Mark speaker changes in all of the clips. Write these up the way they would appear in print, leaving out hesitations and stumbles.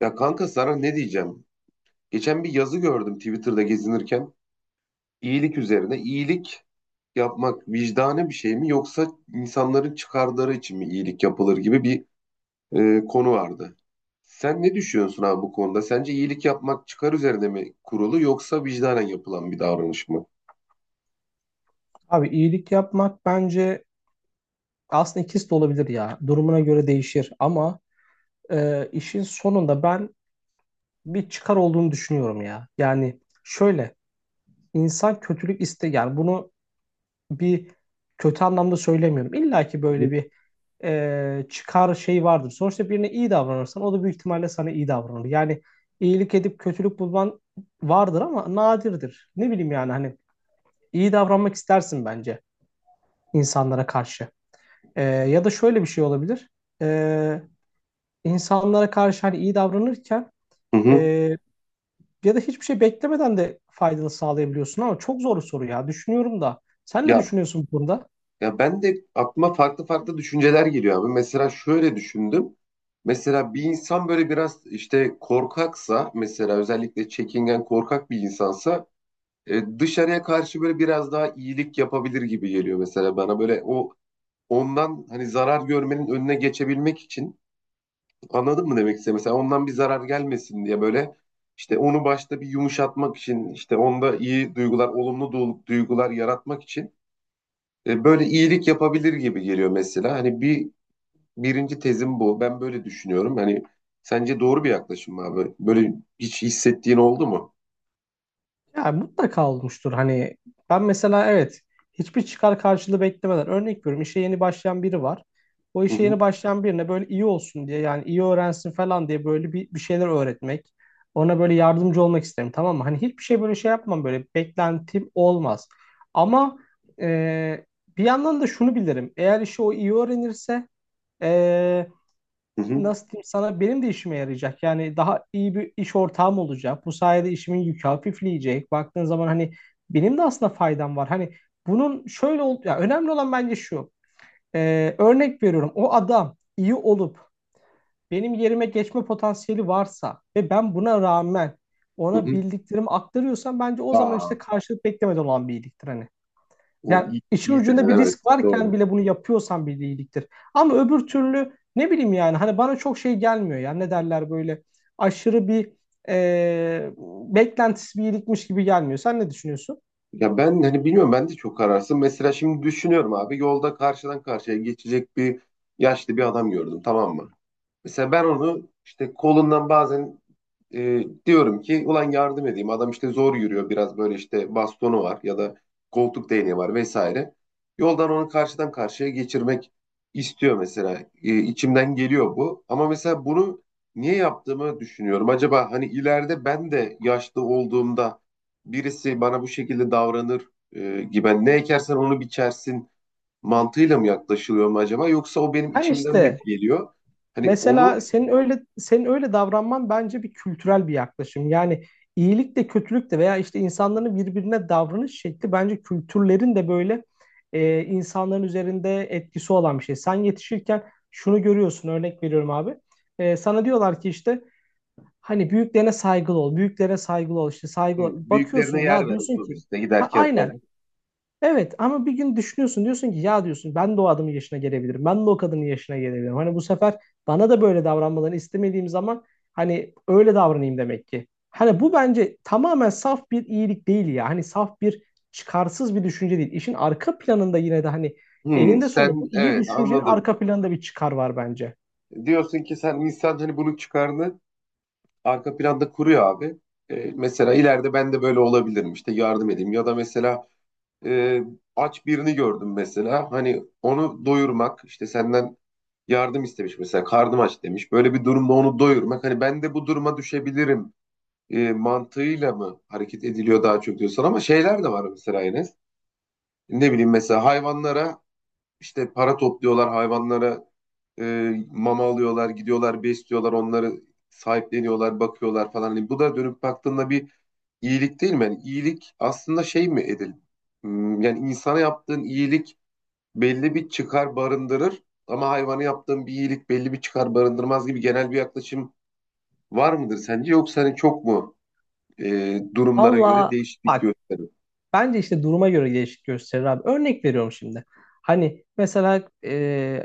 Speaker 1: Ya kanka sana ne diyeceğim? Geçen bir yazı gördüm Twitter'da gezinirken. İyilik üzerine iyilik yapmak vicdani bir şey mi yoksa insanların çıkarları için mi iyilik yapılır gibi bir konu vardı. Sen ne düşünüyorsun abi bu konuda? Sence iyilik yapmak çıkar üzerine mi kurulu yoksa vicdanen yapılan bir davranış mı?
Speaker 2: Abi iyilik yapmak bence aslında ikisi de olabilir ya. Durumuna göre değişir ama işin sonunda ben bir çıkar olduğunu düşünüyorum ya. Yani şöyle insan kötülük iste yani bunu bir kötü anlamda söylemiyorum. İlla ki
Speaker 1: Hı
Speaker 2: böyle
Speaker 1: hı.
Speaker 2: bir çıkar şey vardır. Sonuçta birine iyi davranırsan o da büyük ihtimalle sana iyi davranır. Yani iyilik edip kötülük bulman vardır ama nadirdir. Ne bileyim yani hani iyi davranmak istersin bence insanlara karşı. Ya da şöyle bir şey olabilir. E, insanlara karşı hani iyi davranırken
Speaker 1: Hı hı.
Speaker 2: e, ya da hiçbir şey beklemeden de faydalı sağlayabiliyorsun ama çok zor bir soru ya. Düşünüyorum da. Sen ne
Speaker 1: Ya
Speaker 2: düşünüyorsun bunda?
Speaker 1: Ya ben de aklıma farklı farklı düşünceler geliyor abi. Mesela şöyle düşündüm. Mesela bir insan böyle biraz işte korkaksa mesela özellikle çekingen korkak bir insansa dışarıya karşı böyle biraz daha iyilik yapabilir gibi geliyor mesela bana. Böyle ondan hani zarar görmenin önüne geçebilmek için anladın mı demek istedim? Mesela ondan bir zarar gelmesin diye böyle işte onu başta bir yumuşatmak için işte onda iyi duygular, olumlu duygular yaratmak için böyle iyilik yapabilir gibi geliyor mesela. Birinci tezim bu. Ben böyle düşünüyorum. Hani sence doğru bir yaklaşım mı abi? Böyle hiç hissettiğin oldu mu?
Speaker 2: Ya mutlaka olmuştur. Hani ben mesela evet, hiçbir çıkar karşılığı beklemeden örnek veriyorum, işe yeni başlayan biri var. O
Speaker 1: Hı
Speaker 2: işe
Speaker 1: hı
Speaker 2: yeni başlayan birine böyle iyi olsun diye, yani iyi öğrensin falan diye, böyle bir şeyler öğretmek. Ona böyle yardımcı olmak isterim, tamam mı? Hani hiçbir şey böyle şey yapmam, böyle beklentim olmaz. Ama e, bir yandan da şunu bilirim. Eğer işi o iyi öğrenirse e,
Speaker 1: hı hı.
Speaker 2: nasıl diyeyim sana, benim de işime yarayacak. Yani daha iyi bir iş ortağım olacak. Bu sayede işimin yükü hafifleyecek. Baktığın zaman hani benim de aslında faydam var. Hani bunun şöyle ol ya, önemli olan bence şu. Örnek veriyorum. O adam iyi olup benim yerime geçme potansiyeli varsa ve ben buna rağmen
Speaker 1: Hı
Speaker 2: ona
Speaker 1: hı.
Speaker 2: bildiklerimi aktarıyorsam, bence o zaman
Speaker 1: Aa,
Speaker 2: işte karşılık beklemeden olan bir iyiliktir hani. Yani işin
Speaker 1: iyi dedin,
Speaker 2: ucunda bir
Speaker 1: evet,
Speaker 2: risk
Speaker 1: doğru.
Speaker 2: varken bile bunu yapıyorsan bir iyiliktir. Ama öbür türlü ne bileyim, yani hani bana çok şey gelmiyor ya, ne derler, böyle aşırı bir e, beklentisi bir iyilikmiş gibi gelmiyor. Sen ne düşünüyorsun?
Speaker 1: Ya ben hani bilmiyorum, ben de çok kararsın. Mesela şimdi düşünüyorum abi, yolda karşıdan karşıya geçecek yaşlı bir adam gördüm, tamam mı? Mesela ben onu işte kolundan bazen diyorum ki ulan yardım edeyim. Adam işte zor yürüyor biraz, böyle işte bastonu var ya da koltuk değneği var vesaire. Yoldan onu karşıdan karşıya geçirmek istiyor mesela. İçimden geliyor bu. Ama mesela bunu niye yaptığımı düşünüyorum. Acaba hani ileride ben de yaşlı olduğumda birisi bana bu şekilde davranır gibi hani ne ekersen onu biçersin mantığıyla mı yaklaşılıyor mu acaba? Yoksa o benim
Speaker 2: Ha
Speaker 1: içimden mi
Speaker 2: işte,
Speaker 1: geliyor? Hani onu.
Speaker 2: mesela senin öyle davranman bence bir kültürel bir yaklaşım. Yani iyilik de kötülük de veya işte insanların birbirine davranış şekli, bence kültürlerin de böyle insanların üzerinde etkisi olan bir şey. Sen yetişirken şunu görüyorsun, örnek veriyorum abi. Sana diyorlar ki işte hani büyüklerine saygılı ol, büyüklere saygılı ol, işte
Speaker 1: Hı,
Speaker 2: saygılı ol. Bakıyorsun
Speaker 1: büyüklerine yer
Speaker 2: ya,
Speaker 1: ver
Speaker 2: diyorsun ki
Speaker 1: otobüste
Speaker 2: ha
Speaker 1: giderken
Speaker 2: aynen.
Speaker 1: falan.
Speaker 2: Evet, ama bir gün düşünüyorsun, diyorsun ki ya, diyorsun ben de o adamın yaşına gelebilirim. Ben de o kadının yaşına gelebilirim. Hani bu sefer bana da böyle davranmalarını istemediğim zaman hani öyle davranayım demek ki. Hani bu bence tamamen saf bir iyilik değil ya. Hani saf bir, çıkarsız bir düşünce değil. İşin arka planında yine de hani
Speaker 1: Hı,
Speaker 2: eninde sonunda bu
Speaker 1: sen,
Speaker 2: iyi
Speaker 1: evet,
Speaker 2: düşüncenin
Speaker 1: anladım.
Speaker 2: arka planında bir çıkar var bence.
Speaker 1: Diyorsun ki sen insan hani bunun çıkarını arka planda kuruyor abi. E, mesela ileride ben de böyle olabilirim işte yardım edeyim. Ya da mesela, e, aç birini gördüm mesela. Hani onu doyurmak işte senden yardım istemiş, mesela karnım aç demiş. Böyle bir durumda onu doyurmak hani ben de bu duruma düşebilirim mantığıyla mı hareket ediliyor daha çok diyorsun, ama şeyler de var mesela Enes. Ne bileyim, mesela hayvanlara. İşte para topluyorlar hayvanlara, mama alıyorlar, gidiyorlar besliyorlar onları, sahipleniyorlar, bakıyorlar falan. Hani bu da dönüp baktığında bir iyilik değil mi? Yani iyilik aslında şey mi edil? Hmm, yani insana yaptığın iyilik belli bir çıkar barındırır ama hayvana yaptığın bir iyilik belli bir çıkar barındırmaz gibi genel bir yaklaşım var mıdır sence? Yoksa hani çok mu durumlara göre
Speaker 2: Valla,
Speaker 1: değişiklik
Speaker 2: bak,
Speaker 1: gösterir?
Speaker 2: bence işte duruma göre değişik gösterir abi. Örnek veriyorum şimdi. Hani mesela,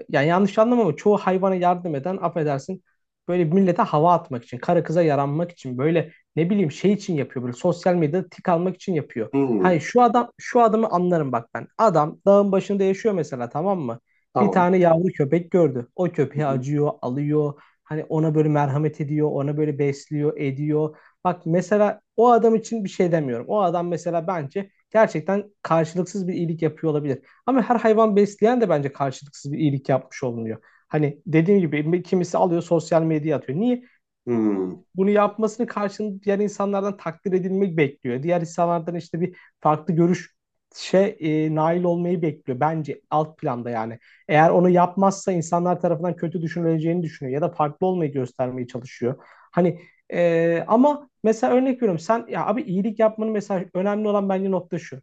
Speaker 2: yani yanlış anlama ama çoğu hayvana yardım eden, affedersin, böyle millete hava atmak için, kara kıza yaranmak için, böyle ne bileyim şey için yapıyor, böyle sosyal medyada tik almak için yapıyor. Hani
Speaker 1: Hmm,
Speaker 2: şu adam, şu adamı anlarım bak ben. Adam dağın başında yaşıyor mesela, tamam mı? Bir
Speaker 1: tamam.
Speaker 2: tane yavru köpek gördü. O
Speaker 1: Hı
Speaker 2: köpeğe
Speaker 1: hı.
Speaker 2: acıyor, alıyor. Hani ona böyle merhamet ediyor, ona böyle besliyor, ediyor. Bak, mesela o adam için bir şey demiyorum. O adam mesela bence gerçekten karşılıksız bir iyilik yapıyor olabilir. Ama her hayvan besleyen de bence karşılıksız bir iyilik yapmış olunuyor. Hani dediğim gibi kimisi alıyor sosyal medyaya atıyor. Niye?
Speaker 1: Hmm.
Speaker 2: Bunu yapmasını karşılığında diğer insanlardan takdir edilmek bekliyor. Diğer insanlardan işte bir farklı görüş şey, nail olmayı bekliyor bence alt planda yani. Eğer onu yapmazsa insanlar tarafından kötü düşünüleceğini düşünüyor ya da farklı olmayı göstermeye çalışıyor. Hani, ama mesela örnek veriyorum sen, ya abi iyilik yapmanın mesela önemli olan bence nokta şu.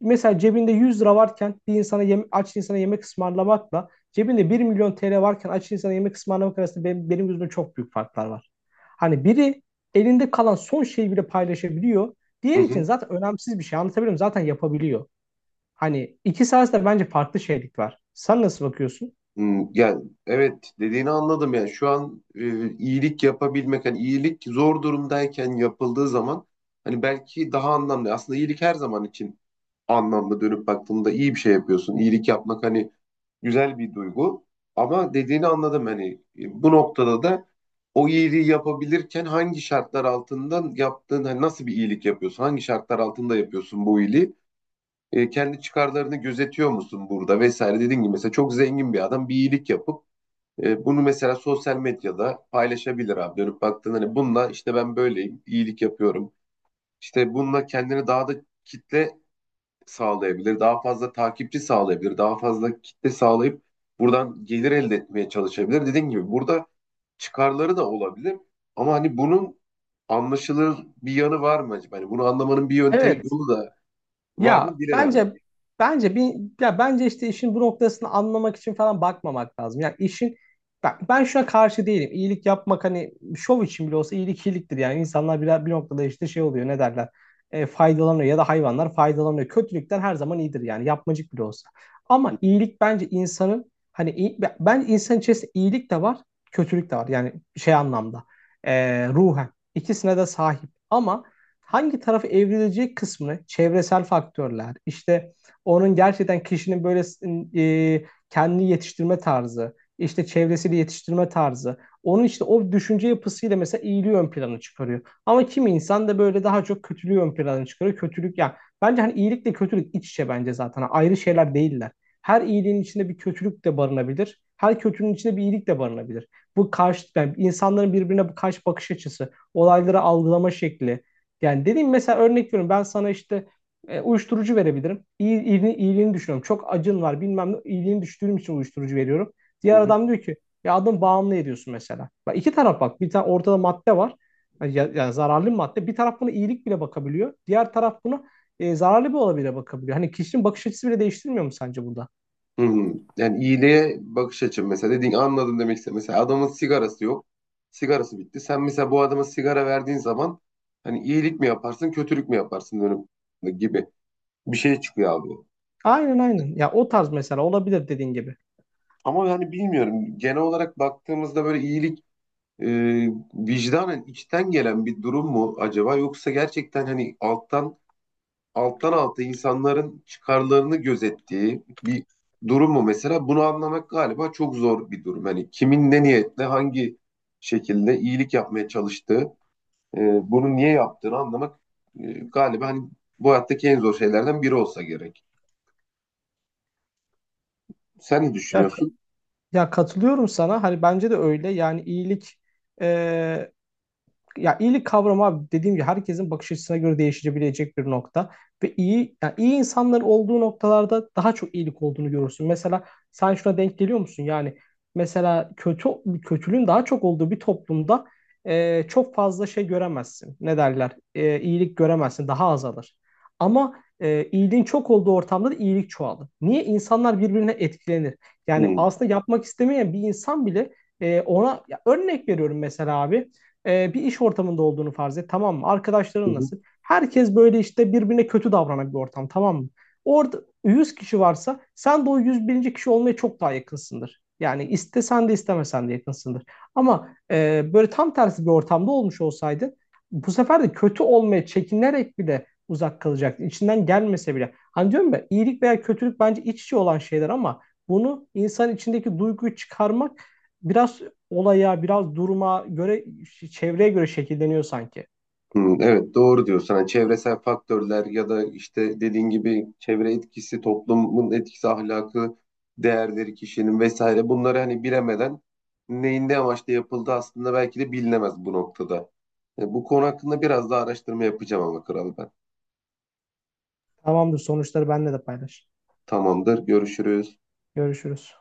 Speaker 2: Mesela cebinde 100 lira varken bir insana yem, aç insana yemek ısmarlamakla cebinde 1.000.000 TL varken aç insana yemek ısmarlamak arasında, benim gözümde çok büyük farklar var. Hani biri elinde kalan son şeyi bile paylaşabiliyor.
Speaker 1: Hı
Speaker 2: Diğer için
Speaker 1: hı.
Speaker 2: zaten önemsiz bir şey. Anlatabilirim, zaten yapabiliyor. Hani iki arasında bence farklı şeylik var. Sen nasıl bakıyorsun?
Speaker 1: Hmm, yani evet, dediğini anladım, yani şu an iyilik yapabilmek hani iyilik zor durumdayken yapıldığı zaman hani belki daha anlamlı, aslında iyilik her zaman için anlamlı, dönüp baktığında iyi bir şey yapıyorsun, iyilik yapmak hani güzel bir duygu, ama dediğini anladım hani bu noktada da o iyiliği yapabilirken hangi şartlar altında yaptığın, hani nasıl bir iyilik yapıyorsun, hangi şartlar altında yapıyorsun bu iyiliği. E, kendi çıkarlarını gözetiyor musun burada vesaire, dediğin gibi mesela çok zengin bir adam bir iyilik yapıp bunu mesela sosyal medyada paylaşabilir abi. Dönüp baktığında hani bununla işte ben böyleyim, iyilik yapıyorum. İşte bununla kendini daha da kitle sağlayabilir, daha fazla takipçi sağlayabilir, daha fazla kitle sağlayıp buradan gelir elde etmeye çalışabilir. Dediğim gibi burada çıkarları da olabilir ama hani bunun anlaşılır bir yanı var mı acaba? Hani bunu anlamanın bir yöntemi
Speaker 2: Evet.
Speaker 1: yolu da var mı,
Speaker 2: Ya
Speaker 1: bilemedim.
Speaker 2: bence, bence bir ya bence işte işin bu noktasını anlamak için falan bakmamak lazım. Yani işin ben şuna karşı değilim. İyilik yapmak, hani şov için bile olsa, iyilik iyiliktir. Yani insanlar bir noktada işte şey oluyor, ne derler, faydalanıyor ya da hayvanlar faydalanıyor. Kötülükten her zaman iyidir yani, yapmacık bile olsa. Ama iyilik bence insanın, ben insan içerisinde iyilik de var, kötülük de var, yani şey anlamda, ruhen ikisine de sahip. Ama hangi tarafı evrilecek kısmını çevresel faktörler, işte onun, gerçekten kişinin böyle e, kendini yetiştirme tarzı, işte çevresiyle yetiştirme tarzı, onun işte o düşünce yapısıyla mesela iyiliği ön plana çıkarıyor. Ama kimi insan da böyle daha çok kötülüğü ön plana çıkarıyor. Kötülük ya yani, bence hani iyilikle kötülük iç içe bence zaten. Hani ayrı şeyler değiller. Her iyiliğin içinde bir kötülük de barınabilir. Her kötülüğün içinde bir iyilik de barınabilir. Bu karşı yani, insanların birbirine bu karşı bakış açısı, olayları algılama şekli, yani dediğim mesela örnek veriyorum, ben sana işte uyuşturucu verebilirim. İyi, iyiliğini, iyiliğini düşünüyorum. Çok acın var bilmem ne, iyiliğini düşündüğüm için uyuşturucu veriyorum.
Speaker 1: Hı
Speaker 2: Diğer
Speaker 1: hı.
Speaker 2: adam diyor ki ya adam bağımlı ediyorsun mesela. Bak iki taraf, bak bir tane ortada madde var. Yani zararlı bir madde. Bir taraf buna iyilik bile bakabiliyor. Diğer taraf buna zararlı bir olabilir bakabiliyor. Hani kişinin bakış açısı bile değiştirmiyor mu sence burada?
Speaker 1: Hı hı. Yani iyiliğe bakış açım, mesela dediğin, anladım demek istedim. Mesela adamın sigarası yok. Sigarası bitti. Sen mesela bu adama sigara verdiğin zaman hani iyilik mi yaparsın, kötülük mü yaparsın, dönüp gibi bir şey çıkıyor abi.
Speaker 2: Aynen, aynen. Ya o tarz mesela olabilir dediğin gibi.
Speaker 1: Ama yani bilmiyorum. Genel olarak baktığımızda böyle iyilik e, vicdanen içten gelen bir durum mu acaba, yoksa gerçekten hani alttan alta insanların çıkarlarını gözettiği bir durum mu mesela? Bunu anlamak galiba çok zor bir durum. Hani kimin ne niyetle hangi şekilde iyilik yapmaya çalıştığı, e, bunu niye yaptığını anlamak galiba hani bu hayattaki en zor şeylerden biri olsa gerek. Sen ne
Speaker 2: Ya,
Speaker 1: düşünüyorsun?
Speaker 2: ya katılıyorum sana. Hani bence de öyle. Yani iyilik, e, ya iyilik kavramı abi, dediğim gibi herkesin bakış açısına göre değişebilecek bir nokta. Ve iyi, yani iyi insanların olduğu noktalarda daha çok iyilik olduğunu görürsün. Mesela sen şuna denk geliyor musun? Yani mesela kötülüğün daha çok olduğu bir toplumda çok fazla şey göremezsin. Ne derler? İyilik göremezsin. Daha azalır. Ama iyiliğin çok olduğu ortamda da iyilik çoğalır. Niye? İnsanlar birbirine etkilenir. Yani aslında yapmak istemeyen bir insan bile ona, ya örnek veriyorum mesela abi. Bir iş ortamında olduğunu farz et, tamam mı? Arkadaşların
Speaker 1: Hı.
Speaker 2: nasıl? Herkes böyle işte birbirine kötü davranan bir ortam, tamam mı? Orada 100 kişi varsa sen de o 101. kişi olmaya çok daha yakınsındır. Yani istesen de istemesen de yakınsındır. Ama böyle tam tersi bir ortamda olmuş olsaydın, bu sefer de kötü olmaya çekinerek bile uzak kalacaktın, İçinden gelmese bile. Hani diyorum ya, iyilik veya kötülük bence iç içe olan şeyler ama bunu insan içindeki duyguyu çıkarmak biraz olaya, biraz duruma göre, çevreye göre şekilleniyor sanki.
Speaker 1: Hmm, evet doğru diyorsun. Hani çevresel faktörler ya da işte dediğin gibi çevre etkisi, toplumun etkisi, ahlakı, değerleri kişinin vesaire, bunları hani bilemeden neyin ne amaçla yapıldığı aslında belki de bilinemez bu noktada. E, bu konu hakkında biraz daha araştırma yapacağım ama, kral ben.
Speaker 2: Tamamdır, sonuçları benimle de paylaş.
Speaker 1: Tamamdır, görüşürüz.
Speaker 2: Görüşürüz.